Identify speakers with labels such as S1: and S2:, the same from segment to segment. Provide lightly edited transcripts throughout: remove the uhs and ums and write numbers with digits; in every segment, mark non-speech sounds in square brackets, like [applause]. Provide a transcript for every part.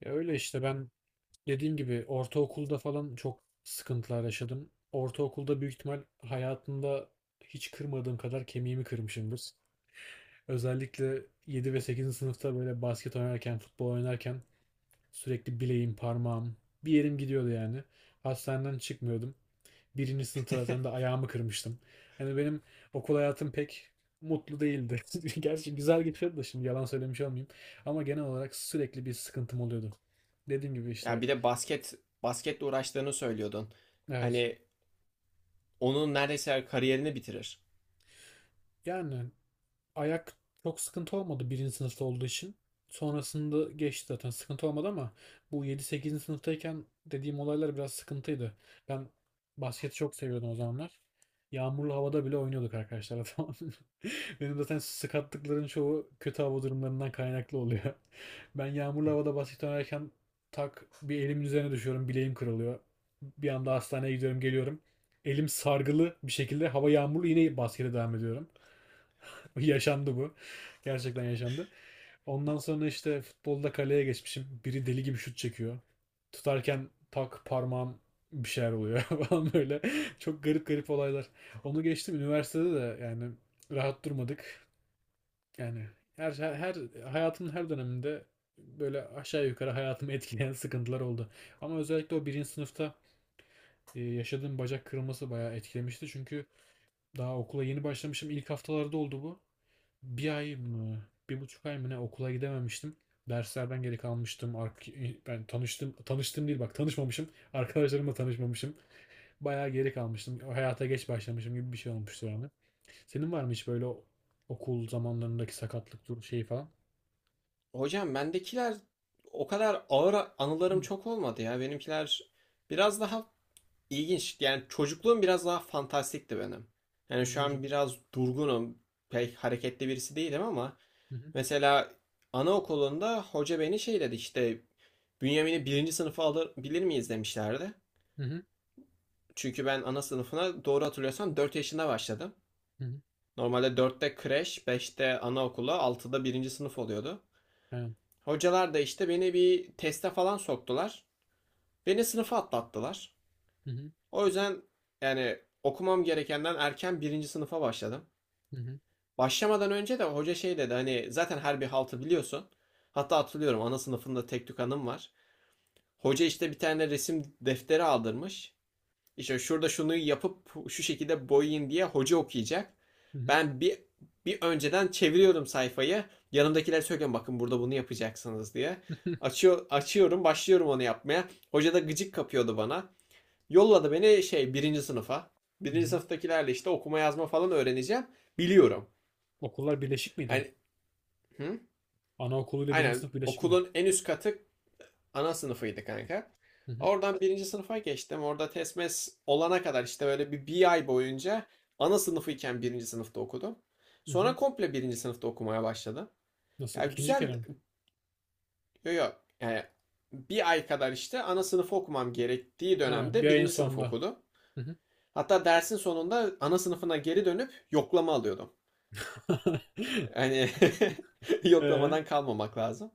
S1: Ya öyle işte ben dediğim gibi ortaokulda falan çok sıkıntılar yaşadım. Ortaokulda büyük ihtimal hayatımda hiç kırmadığım kadar kemiğimi kırmışımdır. Özellikle 7 ve sekizinci sınıfta böyle basket oynarken, futbol oynarken sürekli bileğim, parmağım, bir yerim gidiyordu yani. Hastaneden çıkmıyordum. Birinci sınıfta zaten de
S2: [laughs]
S1: ayağımı kırmıştım. Hani benim okul hayatım pek mutlu değildi. [laughs] Gerçi güzel geçiyordu da şimdi yalan söylemiş olmayayım. Ama genel olarak sürekli bir sıkıntım oluyordu. Dediğim gibi
S2: Ya
S1: işte.
S2: bir de basketle uğraştığını söylüyordun.
S1: Evet.
S2: Hani onun neredeyse kariyerini bitirir.
S1: Yani ayak çok sıkıntı olmadı birinci sınıfta olduğu için. Sonrasında geçti zaten sıkıntı olmadı ama bu yedi sekizinci sınıftayken dediğim olaylar biraz sıkıntıydı. Ben basketi çok seviyordum o zamanlar. Yağmurlu havada bile oynuyorduk arkadaşlar, tamam. [laughs] Benim zaten sakatlıkların çoğu kötü hava durumlarından kaynaklı oluyor. Ben yağmurlu havada basket oynarken tak, bir elimin üzerine düşüyorum, bileğim kırılıyor. Bir anda hastaneye gidiyorum geliyorum. Elim sargılı bir şekilde, hava yağmurlu, yine baskete devam ediyorum. [laughs] Yaşandı bu. Gerçekten yaşandı. Ondan sonra işte futbolda kaleye geçmişim. Biri deli gibi şut çekiyor. Tutarken tak, parmağım bir şeyler oluyor [laughs] falan böyle. Çok garip garip olaylar. Onu geçtim, üniversitede de yani rahat durmadık. Yani hayatımın her döneminde böyle aşağı yukarı hayatımı etkileyen [laughs] sıkıntılar oldu. Ama özellikle o birinci sınıfta yaşadığım bacak kırılması bayağı etkilemişti. Çünkü daha okula yeni başlamışım. İlk haftalarda oldu bu, bir ay mı, bir buçuk ay mı ne okula gidememiştim. Derslerden geri kalmıştım. Ben tanıştım, tanıştım değil, bak tanışmamışım. Arkadaşlarımla tanışmamışım. Bayağı geri kalmıştım. Hayata geç başlamışım gibi bir şey olmuştu yani. Senin var mı hiç böyle okul zamanlarındaki sakatlık dur şeyi falan?
S2: Hocam bendekiler o kadar ağır
S1: Hı.
S2: anılarım çok olmadı ya. Benimkiler biraz daha ilginç. Yani çocukluğum biraz daha fantastikti benim. Yani şu
S1: Ne
S2: an
S1: gibi?
S2: biraz durgunum. Pek hareketli birisi değilim ama
S1: Hı hı.
S2: mesela anaokulunda hoca beni şey dedi işte Bünyamin'i birinci sınıfa alabilir miyiz demişlerdi.
S1: Hı hı.
S2: Çünkü ben ana sınıfına doğru hatırlıyorsam 4 yaşında başladım.
S1: Hı hı,
S2: Normalde dörtte kreş, 5'te anaokulu, altıda birinci sınıf oluyordu.
S1: aynen.
S2: Hocalar da işte beni bir teste falan soktular. Beni sınıfa atlattılar.
S1: Hı hı.
S2: O yüzden yani okumam gerekenden erken birinci sınıfa başladım.
S1: Hı hı.
S2: Başlamadan önce de hoca şey dedi hani zaten her bir haltı biliyorsun. Hatta hatırlıyorum ana sınıfında tek tük anım var. Hoca işte bir tane resim defteri aldırmış. İşte şurada şunu yapıp şu şekilde boyayın diye hoca okuyacak.
S1: Hı hı.
S2: Ben bir önceden çeviriyorum sayfayı. Yanımdakiler söylüyorum bakın burada bunu yapacaksınız diye.
S1: [laughs]
S2: Açıyor, açıyorum, başlıyorum onu yapmaya. Hoca da gıcık kapıyordu bana. Yolladı beni şey birinci sınıfa.
S1: Hı
S2: Birinci
S1: hı.
S2: sınıftakilerle işte okuma yazma falan öğreneceğim. Biliyorum.
S1: Okullar birleşik miydi?
S2: Hani hı?
S1: Anaokuluyla birinci
S2: Aynen
S1: sınıf birleşik mi?
S2: okulun en üst katı ana sınıfıydı kanka.
S1: Hı hı.
S2: Oradan birinci sınıfa geçtim. Orada TESMES olana kadar işte böyle bir ay boyunca ana sınıfıyken birinci sınıfta okudum.
S1: Hı hı.
S2: Sonra komple birinci sınıfta okumaya başladım.
S1: Nasıl?
S2: Ya
S1: İkinci
S2: güzel,
S1: kere mi?
S2: yok, yani bir ay kadar işte ana sınıfı okumam gerektiği
S1: Ha, bir
S2: dönemde
S1: ayın
S2: birinci sınıf
S1: sonunda.
S2: okudum.
S1: Hı hı.
S2: Hatta dersin sonunda ana sınıfına geri dönüp yoklama alıyordum.
S1: [laughs]
S2: Yani [laughs]
S1: Ee,
S2: yoklamadan kalmamak lazım.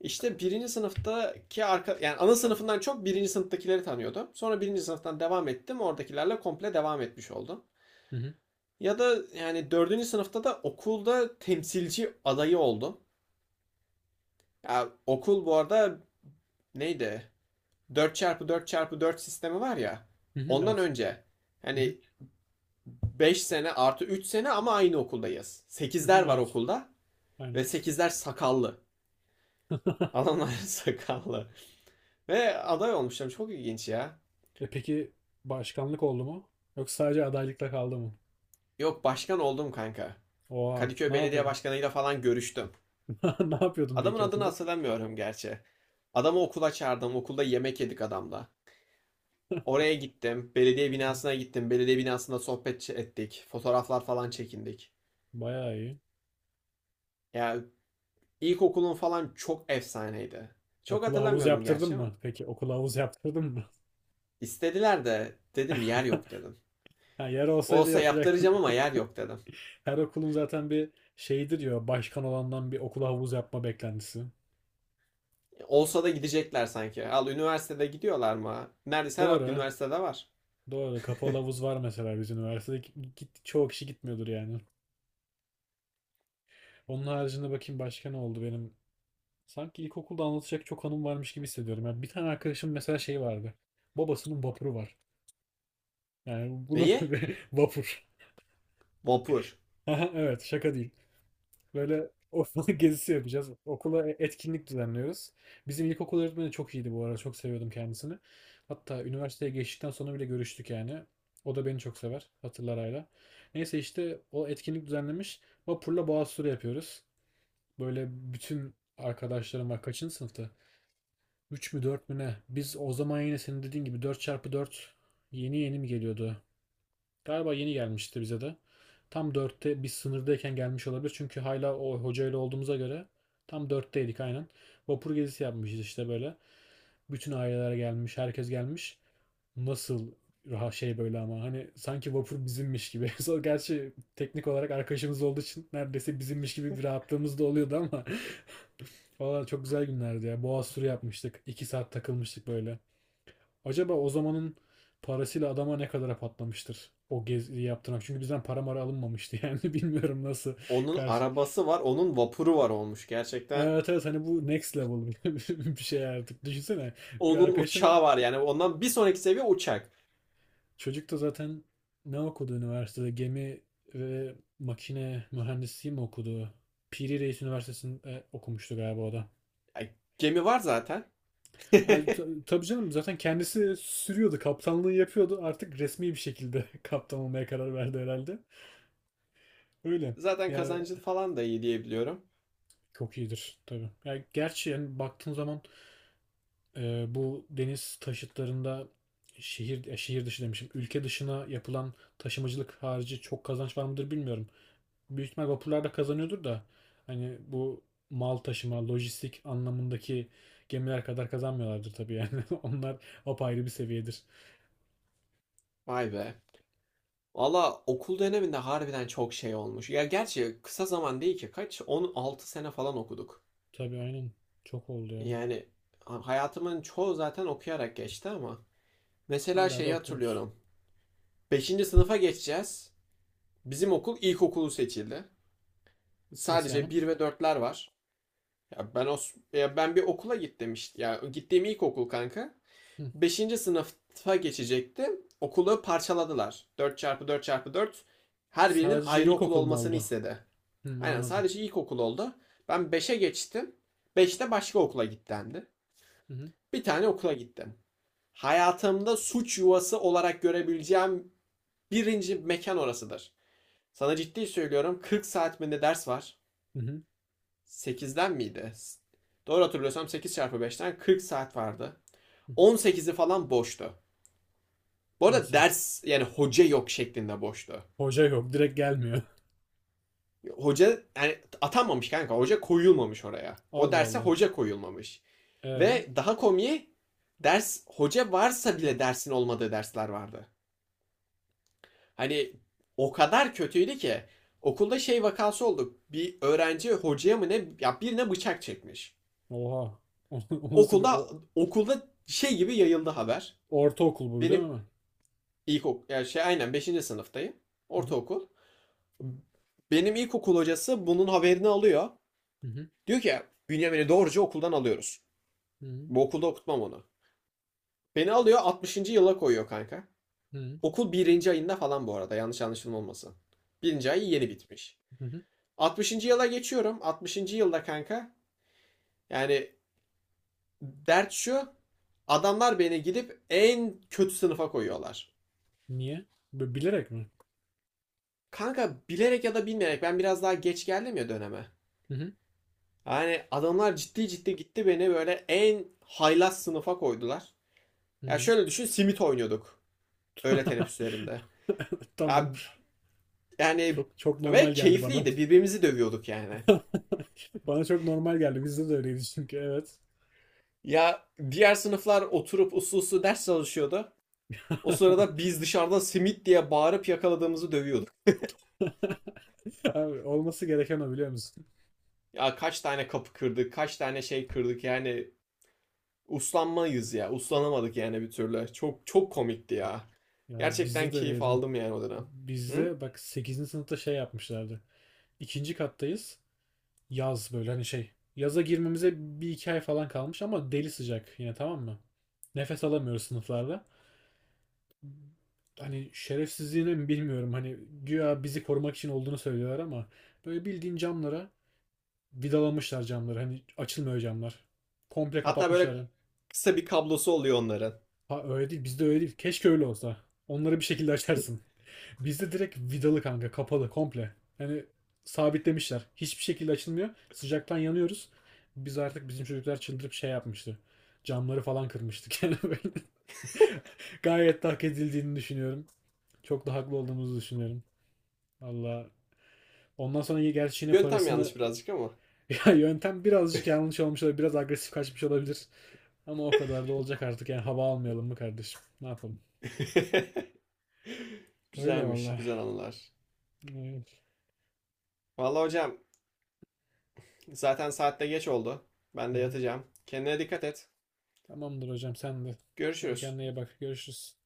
S2: İşte birinci sınıftaki arka, yani ana sınıfından çok birinci sınıftakileri tanıyordum. Sonra birinci sınıftan devam ettim. Oradakilerle komple devam etmiş oldum.
S1: hı hı.
S2: Ya da yani dördüncü sınıfta da okulda temsilci adayı oldum. Ya okul bu arada neydi? Dört çarpı dört çarpı dört sistemi var ya.
S1: Hı hı.
S2: Ondan
S1: evet.
S2: önce
S1: Hı hı.
S2: hani 5 sene artı 3 sene ama aynı okuldayız.
S1: Hı
S2: Sekizler
S1: hı,
S2: var
S1: evet.
S2: okulda ve
S1: Aynen.
S2: sekizler sakallı.
S1: [laughs]
S2: Adamlar [laughs] sakallı. Ve aday olmuşlar. Çok ilginç ya.
S1: E peki, başkanlık oldu mu? Yoksa sadece adaylıkla kaldı mı?
S2: Yok başkan oldum kanka.
S1: Oha,
S2: Kadıköy
S1: ne
S2: Belediye
S1: yapıyordun?
S2: Başkanı'yla falan görüştüm.
S1: [laughs] Ne yapıyordun
S2: Adamın
S1: peki
S2: adını
S1: okulda?
S2: hatırlamıyorum gerçi. Adamı okula çağırdım. Okulda yemek yedik adamla. Oraya gittim. Belediye binasına
S1: [laughs]
S2: gittim. Belediye binasında sohbet ettik. Fotoğraflar falan çekindik.
S1: Bayağı iyi.
S2: Ya ilkokulun falan çok efsaneydi. Çok
S1: Okula havuz
S2: hatırlamıyorum
S1: yaptırdın
S2: gerçi ama.
S1: mı? Peki okula havuz yaptırdın mı?
S2: İstediler de dedim yer
S1: [laughs]
S2: yok dedim.
S1: Ha, yer olsaydı
S2: Olsa
S1: yapacaktın.
S2: yaptıracağım ama yer yok dedim.
S1: [laughs] Her okulun zaten bir şeyidir ya, başkan olandan bir okula havuz yapma beklentisi.
S2: Olsa da gidecekler sanki. Al üniversitede gidiyorlar mı? Neredeyse her
S1: Doğru.
S2: üniversitede var.
S1: Doğru. Kapalı
S2: [laughs]
S1: havuz var mesela bizim üniversitede. Git, çoğu kişi gitmiyordur yani. Onun haricinde bakayım başka ne oldu benim. Sanki ilkokulda anlatacak çok anım varmış gibi hissediyorum. Yani bir tane arkadaşım mesela, şey vardı. Babasının vapuru var. Yani bu nasıl
S2: Neyi?
S1: bir [laughs] vapur?
S2: Vapur.
S1: [laughs] Aha, evet, şaka değil. Böyle [laughs] ortalık gezisi yapacağız. Okula etkinlik düzenliyoruz. Bizim ilkokul öğretmeni çok iyiydi bu arada. Çok seviyordum kendisini. Hatta üniversiteye geçtikten sonra bile görüştük yani. O da beni çok sever. Hatırlar hala. Neyse işte o etkinlik düzenlemiş. Vapurla boğaz turu yapıyoruz. Böyle bütün arkadaşlarım var. Kaçıncı sınıftı? 3 mü 4 mü ne? Biz o zaman yine senin dediğin gibi 4 çarpı 4 yeni yeni mi geliyordu? Galiba yeni gelmişti bize de. Tam 4'te biz sınırdayken gelmiş olabilir. Çünkü hala o hocayla olduğumuza göre tam 4'teydik aynen. Vapur gezisi yapmışız işte böyle. Bütün aileler gelmiş, herkes gelmiş. Nasıl rahat şey böyle ama hani sanki vapur bizimmiş gibi. [laughs] Gerçi teknik olarak arkadaşımız olduğu için neredeyse bizimmiş gibi bir rahatlığımız da oluyordu ama. Valla çok güzel günlerdi ya. Boğaz turu yapmıştık. 2 saat takılmıştık böyle. Acaba o zamanın parasıyla adama ne kadara patlamıştır o geziyi yaptırmak? Çünkü bizden para mara alınmamıştı yani. [laughs] Bilmiyorum nasıl
S2: Onun
S1: karşı.
S2: arabası var, onun vapuru var olmuş. Gerçekten
S1: Evet, evet, hani bu next level [laughs] bir şey artık. Düşünsene, bir
S2: onun
S1: arkadaşıma,
S2: uçağı var. Yani ondan bir sonraki seviye uçak.
S1: çocuk da zaten ne okudu üniversitede? Gemi ve makine mühendisliği mi okudu? Piri Reis Üniversitesi'nde okumuştu galiba o da.
S2: Ay, gemi var zaten. [laughs]
S1: Yani tabii canım, zaten kendisi sürüyordu, kaptanlığı yapıyordu. Artık resmi bir şekilde [laughs] kaptan olmaya karar verdi herhalde. Öyle.
S2: Zaten
S1: Ya
S2: kazancı falan da iyi diyebiliyorum.
S1: çok iyidir tabii. Ya gerçi yani baktığın zaman bu deniz taşıtlarında şehir dışı demişim. Ülke dışına yapılan taşımacılık harici çok kazanç var mıdır bilmiyorum. Büyük ihtimal vapurlar da kazanıyordur da hani bu mal taşıma, lojistik anlamındaki gemiler kadar kazanmıyorlardır tabii yani. [laughs] Onlar apayrı bir seviyedir.
S2: Vay be. Valla okul döneminde harbiden çok şey olmuş. Ya gerçi kısa zaman değil ki kaç? 16 sene falan okuduk.
S1: Tabii aynen. Çok oldu ya.
S2: Yani hayatımın çoğu zaten okuyarak geçti ama. Mesela
S1: Hala da
S2: şeyi
S1: okuyoruz.
S2: hatırlıyorum. Beşinci sınıfa geçeceğiz. Bizim okul ilkokulu seçildi.
S1: Nasıl
S2: Sadece
S1: yani?
S2: bir ve dörtler var. Ya ben o Ya ben bir okula git demişti. Ya gittiğim ilk okul kanka.
S1: Hı.
S2: Beşinci sınıfa geçecektim. Okulu parçaladılar. Dört çarpı dört çarpı dört. Her birinin
S1: Sadece
S2: ayrı okul
S1: ilkokul mu
S2: olmasını
S1: oldu?
S2: istedi.
S1: Hı,
S2: Aynen
S1: anladım.
S2: sadece ilk okul oldu. Ben beşe geçtim. Beşte başka okula git.
S1: Hı hı.
S2: Bir tane okula gittim. Hayatımda suç yuvası olarak görebileceğim birinci mekan orasıdır. Sana ciddi söylüyorum 40 saat mi ne ders var.
S1: Hı hı.
S2: 8'den miydi? Doğru hatırlıyorsam 8 çarpı 5'ten 40 saat vardı.
S1: Hı hı.
S2: 18'i falan boştu. Bu arada
S1: Nasıl?
S2: ders yani hoca yok şeklinde boştu.
S1: Hoca yok. Direkt gelmiyor. [laughs]
S2: Hoca yani atanmamış kanka. Hoca koyulmamış oraya. O
S1: Allah
S2: derse
S1: Allah.
S2: hoca koyulmamış.
S1: E,
S2: Ve daha komiği ders hoca varsa bile dersin olmadığı dersler vardı. Hani o kadar kötüydü ki okulda şey vakası oldu. Bir öğrenci hocaya mı ne ya birine bıçak çekmiş.
S1: oha. [laughs] O, nasıl bir
S2: Okulda
S1: o,
S2: okulda şey gibi yayıldı haber.
S1: ortaokul bu değil
S2: Benim
S1: mi?
S2: ilkokul yani şey aynen beşinci sınıftayım.
S1: Hı hı.
S2: Ortaokul. Benim ilkokul hocası bunun haberini alıyor.
S1: Hı hı.
S2: Diyor ki Bünyamin'i doğruca okuldan alıyoruz.
S1: Hı hı.
S2: Bu okulda okutmam onu. Beni alıyor 60. yıla koyuyor kanka.
S1: Hı hı.
S2: Okul birinci ayında falan bu arada yanlış anlaşılma olmasın. 1. ay yeni bitmiş.
S1: Hı hı.
S2: 60. yıla geçiyorum. 60. yılda kanka yani dert şu adamlar beni gidip en kötü sınıfa koyuyorlar.
S1: Niye? Bilerek mi?
S2: Kanka bilerek ya da bilmeyerek ben biraz daha geç geldim ya döneme.
S1: Hı hı.
S2: Yani adamlar ciddi ciddi gitti beni böyle en haylaz sınıfa koydular.
S1: Hı
S2: Ya
S1: hı.
S2: şöyle düşün simit oynuyorduk öğle teneffüslerinde.
S1: [laughs] Tamam.
S2: Ya yani
S1: Çok çok normal
S2: ve
S1: geldi bana.
S2: keyifliydi birbirimizi dövüyorduk yani.
S1: [laughs] Bana çok normal geldi. Bizde de öyleydi çünkü. Evet.
S2: Ya diğer sınıflar oturup uslu uslu ders çalışıyordu. O sırada
S1: [laughs]
S2: biz dışarıda simit diye bağırıp yakaladığımızı dövüyorduk.
S1: [laughs] Abi olması gereken o, biliyor musun?
S2: Ya kaç tane kapı kırdık, kaç tane şey kırdık yani uslanmayız ya. Uslanamadık yani bir türlü. Çok çok komikti ya.
S1: Ya
S2: Gerçekten
S1: bizde de
S2: keyif
S1: öyleydi.
S2: aldım yani o dönem. Hı?
S1: Bizde bak sekizinci sınıfta şey yapmışlardı. İkinci kattayız. Yaz böyle hani, şey. Yaza girmemize bir iki ay falan kalmış ama deli sıcak yine, tamam mı? Nefes alamıyoruz sınıflarda. Hani şerefsizliğine mi bilmiyorum. Hani güya bizi korumak için olduğunu söylüyorlar ama böyle bildiğin camlara vidalamışlar camları. Hani açılmıyor camlar. Komple
S2: Hatta böyle
S1: kapatmışlar.
S2: kısa bir kablosu oluyor onların.
S1: Ha, öyle değil. Bizde öyle değil. Keşke öyle olsa. Onları bir şekilde açarsın. Bizde direkt vidalı kanka. Kapalı komple. Yani sabitlemişler. Hiçbir şekilde açılmıyor. Sıcaktan yanıyoruz. Biz artık, bizim çocuklar çıldırıp şey yapmıştı. Camları falan kırmıştık. [laughs] Yani böyle, gayet de hak edildiğini düşünüyorum. Çok da haklı olduğumuzu düşünüyorum. Valla. Ondan sonra gerçi yine
S2: Yöntem
S1: parasını...
S2: yanlış
S1: [laughs]
S2: birazcık ama.
S1: Ya yöntem birazcık yanlış olmuş olabilir. Biraz agresif kaçmış olabilir. Ama o kadar da olacak artık. Yani hava almayalım mı kardeşim? Ne yapalım?
S2: [laughs]
S1: Öyle
S2: Güzelmiş,
S1: valla.
S2: güzel anılar.
S1: Ee,
S2: Vallahi hocam zaten saatte geç oldu. Ben
S1: Hı
S2: de
S1: hı.
S2: yatacağım. Kendine dikkat et.
S1: Tamamdır hocam, sen de. Hadi
S2: Görüşürüz.
S1: kendine iyi bak. Görüşürüz.